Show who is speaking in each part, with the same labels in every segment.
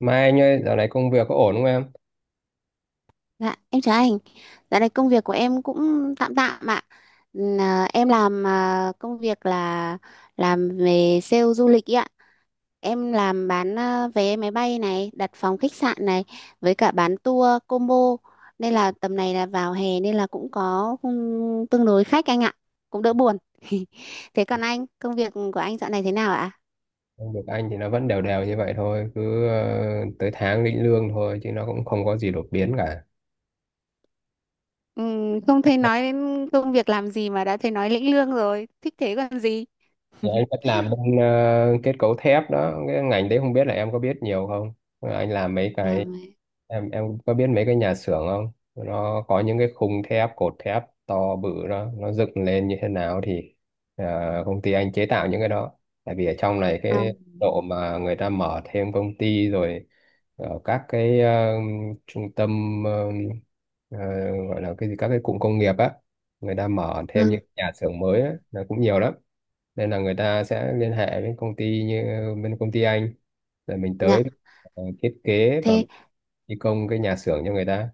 Speaker 1: Mà anh ơi, dạo này công việc có ổn không em?
Speaker 2: Dạ, em chào anh. Dạo này công việc của em cũng tạm tạm ạ. Là em làm à, Công việc là làm về sale du lịch ý ạ. Em làm bán vé máy bay này, đặt phòng khách sạn này với cả bán tour combo. Nên là tầm này là vào hè nên là cũng có tương đối khách anh ạ. Cũng đỡ buồn. Thế còn anh, công việc của anh dạo này thế nào ạ?
Speaker 1: Công việc anh thì nó vẫn đều đều như vậy thôi, cứ tới tháng lĩnh lương thôi, chứ nó cũng không có gì đột biến cả.
Speaker 2: Không thấy nói đến công việc làm gì mà đã thấy nói lĩnh lương rồi. Thích thế còn gì.
Speaker 1: Dạ, anh vẫn làm bên kết cấu thép đó, cái ngành đấy không biết là em có biết nhiều không. Anh làm mấy cái,
Speaker 2: Làm
Speaker 1: em có biết mấy cái nhà xưởng không, nó có những cái khung thép cột thép to bự đó nó dựng lên như thế nào thì ờ, công ty anh chế tạo những cái đó. Tại vì ở trong này,
Speaker 2: à,
Speaker 1: cái độ mà người ta mở thêm công ty rồi ở các cái trung tâm, ờ, gọi là cái gì, các cái cụm công nghiệp á, người ta mở thêm
Speaker 2: Vâng,
Speaker 1: những nhà xưởng mới á, là cũng nhiều lắm, nên là người ta sẽ liên hệ với công ty như bên công ty anh, rồi mình
Speaker 2: dạ.
Speaker 1: tới thiết kế và
Speaker 2: Thế
Speaker 1: thi công cái nhà xưởng cho người ta.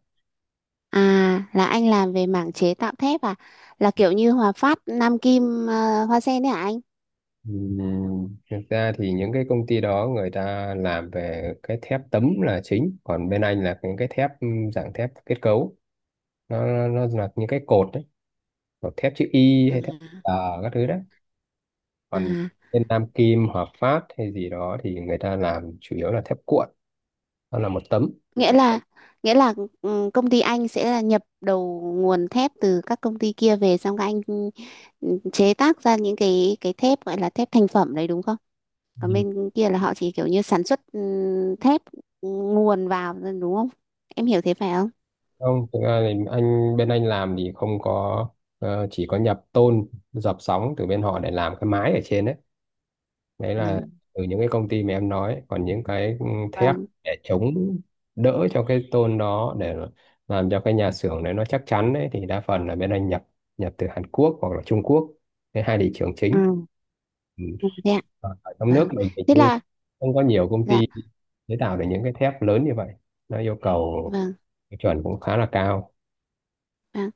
Speaker 2: à, là anh làm về mảng chế tạo thép à? Là kiểu như Hòa Phát, Nam Kim, Hoa Sen đấy hả anh?
Speaker 1: Thực ra thì những cái công ty đó người ta làm về cái thép tấm là chính, còn bên anh là những cái thép dạng thép kết cấu, nó là những cái cột đấy, hoặc thép chữ Y
Speaker 2: À,
Speaker 1: hay thép tờ, các thứ đấy.
Speaker 2: à.
Speaker 1: Còn bên Nam Kim, Hòa Phát hay gì đó thì người ta làm chủ yếu là thép cuộn, nó là một tấm.
Speaker 2: Nghĩa là nghĩa là công ty anh sẽ là nhập đầu nguồn thép từ các công ty kia về, xong các anh chế tác ra những cái thép gọi là thép thành phẩm đấy đúng không? Còn
Speaker 1: Ừ,
Speaker 2: bên kia là họ chỉ kiểu như sản xuất thép nguồn vào thôi, đúng không? Em hiểu thế phải không?
Speaker 1: không, thực ra thì anh, bên anh làm thì không có, chỉ có nhập tôn dập sóng từ bên họ để làm cái mái ở trên đấy, đấy là
Speaker 2: Ừ.
Speaker 1: từ những cái công ty mà em nói. Còn những cái thép
Speaker 2: Vâng.
Speaker 1: để chống đỡ cho cái tôn đó để làm cho cái nhà xưởng đấy nó chắc chắn đấy, thì đa phần là bên anh nhập, nhập từ Hàn Quốc hoặc là Trung Quốc, cái hai thị trường chính.
Speaker 2: Ừ.
Speaker 1: Ừ.
Speaker 2: Ừ, thế ạ.
Speaker 1: Còn ở trong nước
Speaker 2: Vâng.
Speaker 1: mình hình
Speaker 2: Thế
Speaker 1: như
Speaker 2: là.
Speaker 1: không có nhiều công
Speaker 2: Dạ,
Speaker 1: ty chế tạo được những cái thép lớn như vậy, nó yêu cầu
Speaker 2: vâng,
Speaker 1: cái chuẩn cũng khá là cao.
Speaker 2: vâng.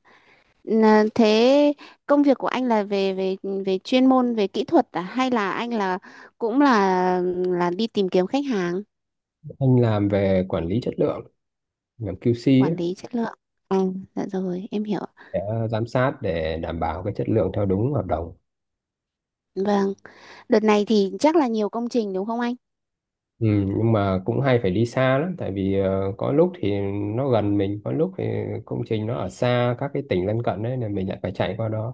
Speaker 2: Là thế công việc của anh là về về về chuyên môn về kỹ thuật à, hay là anh là cũng là đi tìm kiếm khách hàng,
Speaker 1: Anh làm về quản lý chất lượng, làm QC ấy,
Speaker 2: quản lý chất lượng? À, dạ rồi, em hiểu.
Speaker 1: để giám sát để đảm bảo cái chất lượng theo đúng hợp đồng.
Speaker 2: Vâng, đợt này thì chắc là nhiều công trình đúng không anh?
Speaker 1: Ừ, nhưng mà cũng hay phải đi xa lắm, tại vì có lúc thì nó gần mình, có lúc thì công trình nó ở xa, các cái tỉnh lân cận đấy, nên mình lại phải chạy qua đó.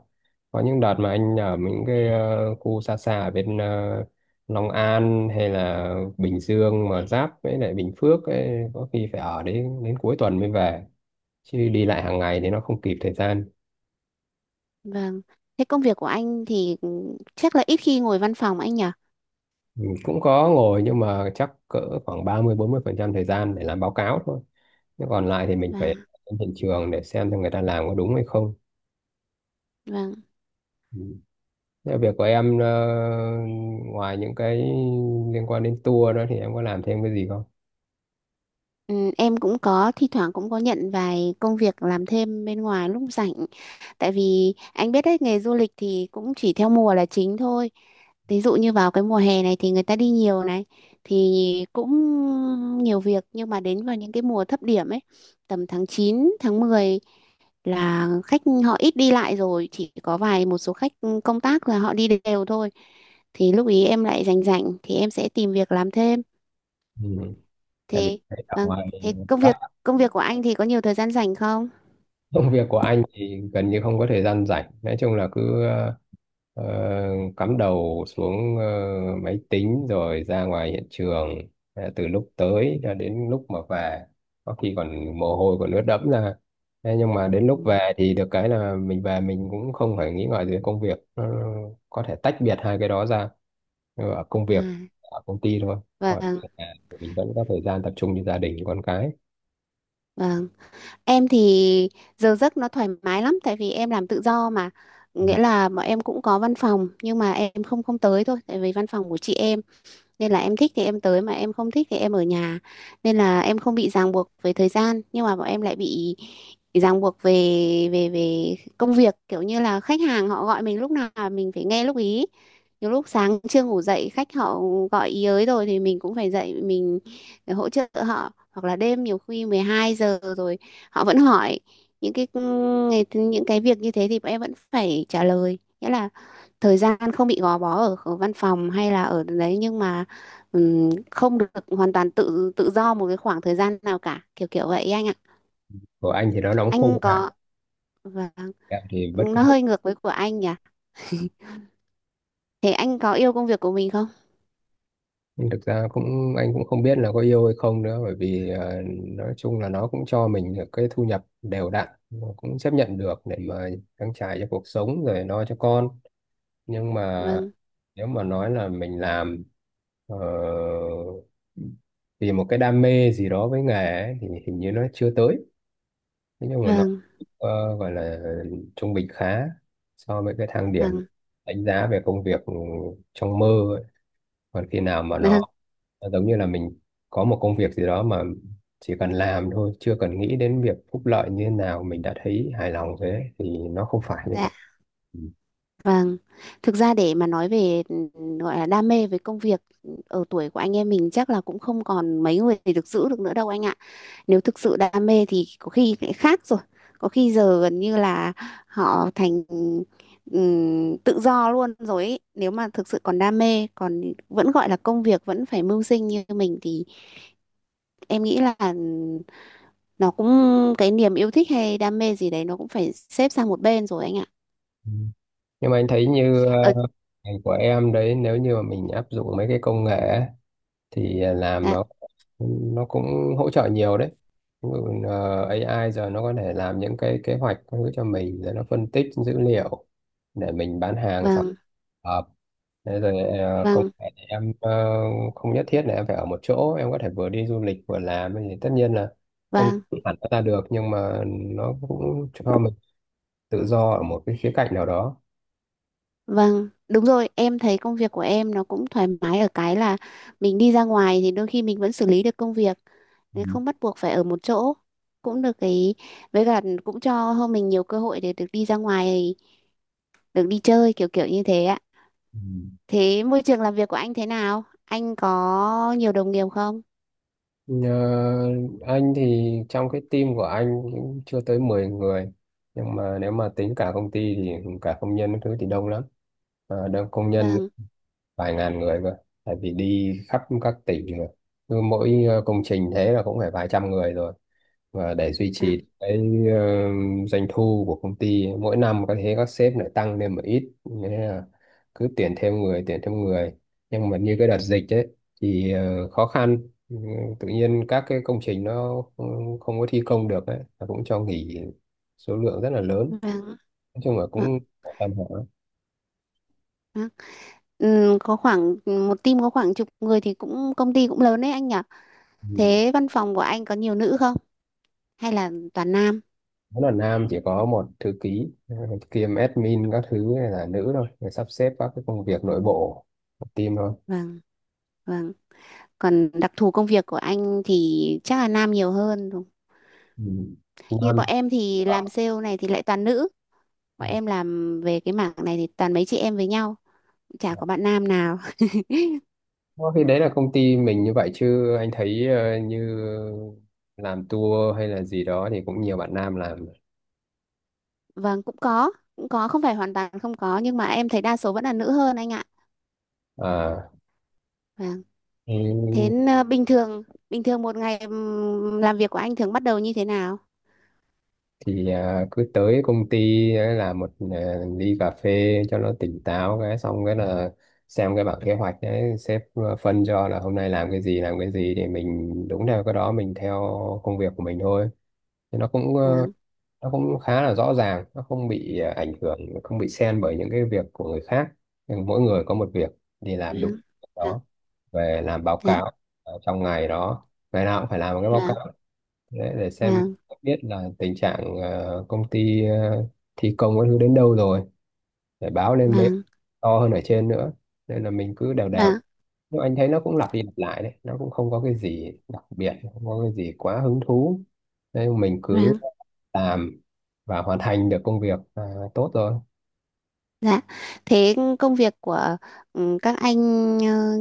Speaker 1: Có những đợt mà anh ở những cái khu xa xa ở bên Long An hay là Bình Dương mà giáp với lại Bình Phước ấy, có khi phải ở đến đến cuối tuần mới về, chứ đi lại hàng ngày thì nó không kịp thời gian.
Speaker 2: Vâng. Thế công việc của anh thì chắc là ít khi ngồi văn phòng anh nhỉ?
Speaker 1: Ừ, cũng có ngồi nhưng mà chắc cỡ khoảng ba mươi bốn mươi phần trăm thời gian để làm báo cáo thôi. Thế còn lại thì mình
Speaker 2: Và
Speaker 1: phải đến hiện trường để xem người ta làm có đúng hay không.
Speaker 2: vâng.
Speaker 1: Ừ. Thế việc của em ngoài những cái liên quan đến tour đó thì em có làm thêm cái gì không?
Speaker 2: Ừ, em cũng có thi thoảng cũng có nhận vài công việc làm thêm bên ngoài lúc rảnh. Tại vì anh biết đấy, nghề du lịch thì cũng chỉ theo mùa là chính thôi. Ví dụ như vào cái mùa hè này thì người ta đi nhiều này thì cũng nhiều việc, nhưng mà đến vào những cái mùa thấp điểm ấy, tầm tháng 9 tháng 10 là khách họ ít đi lại rồi, chỉ có vài một số khách công tác là họ đi đều thôi, thì lúc ý em lại rảnh rảnh thì em sẽ tìm việc làm thêm.
Speaker 1: Ừ. Tại vì
Speaker 2: Thế,
Speaker 1: ở
Speaker 2: vâng,
Speaker 1: ngoài,
Speaker 2: thế công việc của anh thì có nhiều thời gian rảnh không?
Speaker 1: công việc của anh thì gần như không có thời gian rảnh, nói chung là cứ ờ, cắm đầu xuống máy tính rồi ra ngoài hiện trường. Ờ, từ lúc tới cho đến lúc mà về, có khi còn mồ hôi còn ướt đẫm ra. Thế nhưng mà đến lúc
Speaker 2: Ừ.
Speaker 1: về thì được cái là mình về mình cũng không phải nghĩ ngợi về công việc. Nó có thể tách biệt hai cái đó ra, ở công
Speaker 2: À,
Speaker 1: việc, ở công ty thôi, còn
Speaker 2: vâng,
Speaker 1: ở nhà thì mình vẫn có thời gian tập trung cho gia đình con cái.
Speaker 2: vâng. Em thì giờ giấc nó thoải mái lắm, tại vì em làm tự do mà,
Speaker 1: Ừ,
Speaker 2: nghĩa là bọn em cũng có văn phòng nhưng mà em không không tới thôi, tại vì văn phòng của chị em, nên là em thích thì em tới mà em không thích thì em ở nhà, nên là em không bị ràng buộc với thời gian, nhưng mà bọn em lại bị ràng buộc về về về công việc, kiểu như là khách hàng họ gọi mình lúc nào mình phải nghe lúc ý. Nhiều lúc sáng chưa ngủ dậy khách họ gọi ý ới rồi thì mình cũng phải dậy mình để hỗ trợ họ, hoặc là đêm nhiều khi 12 giờ rồi họ vẫn hỏi những cái việc như thế thì bọn em vẫn phải trả lời, nghĩa là thời gian không bị gò bó ở, ở văn phòng hay là ở đấy, nhưng mà không được hoàn toàn tự tự do một cái khoảng thời gian nào cả, kiểu kiểu vậy ấy anh ạ.
Speaker 1: của anh thì nó đóng khung
Speaker 2: Anh
Speaker 1: ha,
Speaker 2: có Vâng,
Speaker 1: em thì bất cứ.
Speaker 2: nó hơi ngược với của anh nhỉ. Thế anh có yêu công việc của mình không?
Speaker 1: Nhưng thực ra cũng, anh cũng không biết là có yêu hay không nữa, bởi vì nói chung là nó cũng cho mình được cái thu nhập đều đặn, nó cũng chấp nhận được để mà trang trải cho cuộc sống rồi lo cho con. Nhưng mà
Speaker 2: Vâng,
Speaker 1: nếu mà nói là mình làm ờ, vì một cái đam mê gì đó với nghề ấy, thì hình như nó chưa tới. Thế nhưng mà nó
Speaker 2: vâng,
Speaker 1: gọi là trung bình khá so với cái thang điểm
Speaker 2: vâng,
Speaker 1: đánh giá về công việc trong mơ. Còn khi nào mà
Speaker 2: vâng.
Speaker 1: nó giống như là mình có một công việc gì đó mà chỉ cần làm thôi, chưa cần nghĩ đến việc phúc lợi như thế nào mình đã thấy hài lòng rồi, đấy thì nó không phải như
Speaker 2: Dạ.
Speaker 1: vậy. Ừ.
Speaker 2: Vâng. Thực ra để mà nói về gọi là đam mê với công việc, ở tuổi của anh em mình chắc là cũng không còn mấy người được giữ được nữa đâu anh ạ. Nếu thực sự đam mê thì có khi lại khác rồi, có khi giờ gần như là họ thành tự do luôn rồi ấy. Nếu mà thực sự còn đam mê, còn vẫn gọi là công việc vẫn phải mưu sinh như mình thì em nghĩ là nó cũng, cái niềm yêu thích hay đam mê gì đấy nó cũng phải xếp sang một bên rồi anh ạ.
Speaker 1: Ừ, nhưng mà anh thấy như
Speaker 2: ờ
Speaker 1: ngành của em đấy, nếu như mà mình áp dụng mấy cái công nghệ ấy, thì làm
Speaker 2: dạ,
Speaker 1: nó cũng hỗ trợ nhiều đấy. Ví dụ, AI giờ nó có thể làm những cái kế hoạch các thứ cho mình, rồi nó phân tích dữ liệu để mình bán hàng sau
Speaker 2: vâng,
Speaker 1: hợp. Thế rồi công
Speaker 2: vâng,
Speaker 1: nghệ em, không nhất thiết là em phải ở một chỗ, em có thể vừa đi du lịch vừa làm, thì tất nhiên là không
Speaker 2: vâng.
Speaker 1: hẳn nó ra được, nhưng mà nó cũng cho mình tự do ở một cái khía cạnh nào đó.
Speaker 2: Vâng đúng rồi, em thấy công việc của em nó cũng thoải mái ở cái là mình đi ra ngoài thì đôi khi mình vẫn xử lý được công việc. Nên
Speaker 1: Ừ.
Speaker 2: không bắt buộc phải ở một chỗ, cũng được cái với cả cũng cho hơn mình nhiều cơ hội để được đi ra ngoài, được đi chơi, kiểu kiểu như thế ạ.
Speaker 1: Ừ.
Speaker 2: Thế môi trường làm việc của anh thế nào, anh có nhiều đồng nghiệp không?
Speaker 1: Ờ, anh thì trong cái team của anh cũng chưa tới 10 người, nhưng mà nếu mà tính cả công ty thì cả công nhân các thứ thì đông lắm. Ờ, đông công nhân,
Speaker 2: Vâng,
Speaker 1: vài ngàn người cơ, tại vì đi khắp các tỉnh rồi, cứ mỗi công trình thế là cũng phải vài trăm người rồi, và để duy
Speaker 2: vâng,
Speaker 1: trì cái ờ, doanh thu của công ty mỗi năm có thế, các sếp lại tăng lên một ít nên là cứ tuyển thêm người, tuyển thêm người. Nhưng mà như cái đợt dịch ấy thì khó khăn. Ừ, tự nhiên các cái công trình nó không có thi công được ấy, nó cũng cho nghỉ số lượng rất là lớn,
Speaker 2: vâng,
Speaker 1: nói chung là
Speaker 2: vâng,
Speaker 1: cũng tạm
Speaker 2: vâng. Ừ, có khoảng một team có khoảng chục người thì cũng, công ty cũng lớn đấy anh nhỉ.
Speaker 1: ổn.
Speaker 2: Thế văn phòng của anh có nhiều nữ không hay là toàn nam?
Speaker 1: Nó là nam, chỉ có một thư ký kiêm admin các thứ này là nữ thôi, để sắp xếp các cái công việc nội bộ của team thôi.
Speaker 2: Vâng. Vâng. Còn đặc thù công việc của anh thì chắc là nam nhiều hơn.
Speaker 1: Ừ.
Speaker 2: Như
Speaker 1: nam
Speaker 2: bọn em thì
Speaker 1: ở
Speaker 2: làm sale này thì lại toàn nữ. Bọn em làm về cái mảng này thì toàn mấy chị em với nhau, chả có bạn nam nào.
Speaker 1: Ờ, thì đấy là công ty mình như vậy, chứ anh thấy như làm tour hay là gì đó thì cũng nhiều bạn nam làm.
Speaker 2: Vâng, cũng có, không phải hoàn toàn không có nhưng mà em thấy đa số vẫn là nữ hơn anh ạ.
Speaker 1: À,
Speaker 2: Vâng. Thế bình thường, một ngày làm việc của anh thường bắt đầu như thế nào?
Speaker 1: thì cứ tới công ty ấy là một ly cà phê cho nó tỉnh táo, cái xong cái là xem cái bảng kế hoạch đấy sếp phân cho là hôm nay làm cái gì làm cái gì, thì mình đúng theo cái đó mình theo công việc của mình thôi. Thì nó cũng
Speaker 2: Vâng.
Speaker 1: nó cũng khá là rõ ràng, nó không bị ảnh hưởng, không bị xen bởi những cái việc của người khác. Nhưng mỗi người có một việc thì làm đúng
Speaker 2: Vâng. Vâng.
Speaker 1: đó, về làm báo
Speaker 2: Dạ.
Speaker 1: cáo trong ngày đó, ngày nào cũng phải làm một cái báo
Speaker 2: Vâng.
Speaker 1: cáo để xem
Speaker 2: Vâng.
Speaker 1: biết là tình trạng công ty, thi công các thứ đến đâu rồi, để báo lên mấy
Speaker 2: Vâng.
Speaker 1: to hơn ở trên nữa, nên là mình cứ đều đều.
Speaker 2: Vâng.
Speaker 1: Nhưng anh thấy nó cũng lặp đi lặp lại đấy, nó cũng không có cái gì đặc biệt, không có cái gì quá hứng thú, nên mình cứ
Speaker 2: Vâng.
Speaker 1: làm và hoàn thành được công việc là tốt rồi.
Speaker 2: Dạ, thế công việc của các anh ờ,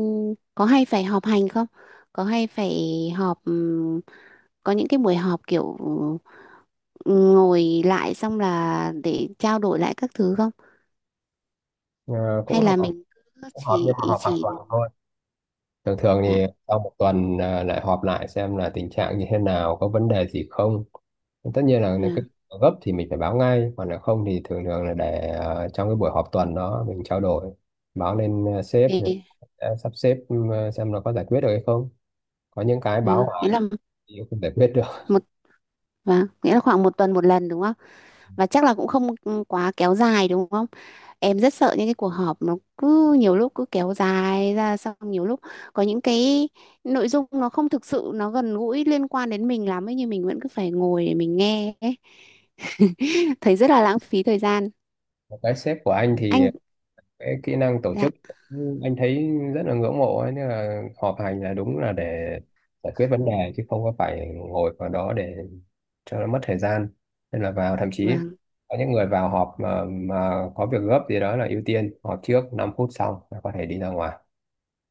Speaker 2: có hay phải họp hành không? Có hay phải họp, có những cái buổi họp kiểu ừ, ngồi lại xong là để trao đổi lại các thứ không?
Speaker 1: Ờ, cũng
Speaker 2: Hay
Speaker 1: họp,
Speaker 2: là mình cứ
Speaker 1: cũng họp
Speaker 2: chỉ
Speaker 1: nhưng mà họp hàng
Speaker 2: chỉ
Speaker 1: tuần thôi. Thường thường
Speaker 2: dạ,
Speaker 1: thì sau một tuần lại họp lại xem là tình trạng như thế nào, có vấn đề gì không. Tất nhiên là, ừ, nếu cái
Speaker 2: vâng.
Speaker 1: gấp thì mình phải báo ngay, còn nếu không thì thường thường là để trong cái buổi họp tuần đó mình trao đổi, báo lên sếp thì
Speaker 2: Thế
Speaker 1: sẽ sắp xếp, ừ, xem nó có giải quyết được hay không. Có những cái báo
Speaker 2: vâng, nghĩa
Speaker 1: hoài
Speaker 2: là
Speaker 1: thì không giải quyết được.
Speaker 2: một vâng, nghĩa là khoảng một tuần một lần đúng không? Và chắc là cũng không quá kéo dài đúng không? Em rất sợ những cái cuộc họp nó cứ nhiều lúc cứ kéo dài ra, xong nhiều lúc có những cái nội dung nó không thực sự nó gần gũi liên quan đến mình lắm ấy, nhưng mình vẫn cứ phải ngồi để mình nghe ấy. Thấy rất là lãng phí thời gian.
Speaker 1: Cái sếp của anh thì
Speaker 2: Anh
Speaker 1: cái kỹ năng tổ
Speaker 2: dạ,
Speaker 1: chức, anh thấy rất là ngưỡng mộ ấy, nên là họp hành là đúng là để giải quyết vấn đề chứ không có phải ngồi vào đó để cho nó mất thời gian. Nên là vào, thậm chí
Speaker 2: vâng,
Speaker 1: có những người vào họp mà có việc gấp gì đó là ưu tiên họp trước 5 phút, xong là có thể đi ra ngoài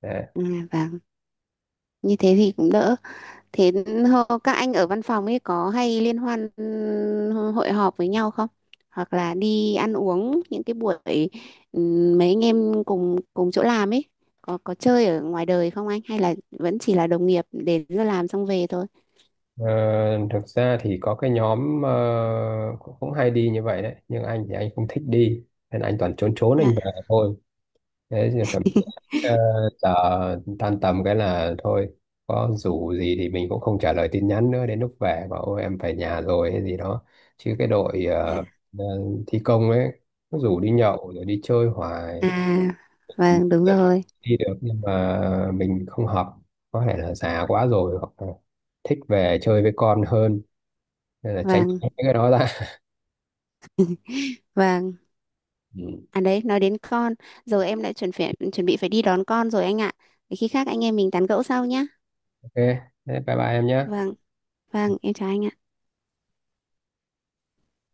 Speaker 1: đấy.
Speaker 2: à, vâng, như thế thì cũng đỡ. Thế các anh ở văn phòng ấy có hay liên hoan, hội họp với nhau không? Hoặc là đi ăn uống những cái buổi, mấy anh em cùng cùng chỗ làm ấy, có chơi ở ngoài đời không anh, hay là vẫn chỉ là đồng nghiệp đến giờ làm xong về thôi?
Speaker 1: Ờ, thực ra thì có cái nhóm cũng, cũng hay đi như vậy đấy, nhưng anh thì anh không thích đi nên anh toàn trốn, trốn
Speaker 2: Dạ,
Speaker 1: anh về thôi. Thế thì chuẩn bị ờ, giờ tan tầm cái là thôi, có rủ gì thì mình cũng không trả lời tin nhắn nữa, đến lúc về bảo ôi em về nhà rồi hay gì đó. Chứ cái đội
Speaker 2: dạ.
Speaker 1: ờ, thi công ấy, nó rủ đi nhậu rồi đi chơi
Speaker 2: À,
Speaker 1: hoài,
Speaker 2: vâng đúng rồi.
Speaker 1: đi được nhưng mà mình không hợp, có thể là già quá rồi, hoặc là thích về chơi với con hơn, nên là tránh
Speaker 2: Vâng,
Speaker 1: cái đó ra.
Speaker 2: vâng.
Speaker 1: Ừ.
Speaker 2: À đấy, nói đến con, giờ em lại chuẩn bị phải đi đón con rồi anh ạ. Để khi khác anh em mình tán gẫu sau nhá.
Speaker 1: Ok, thế bye bye em nhé.
Speaker 2: Vâng, vâng, em chào anh ạ.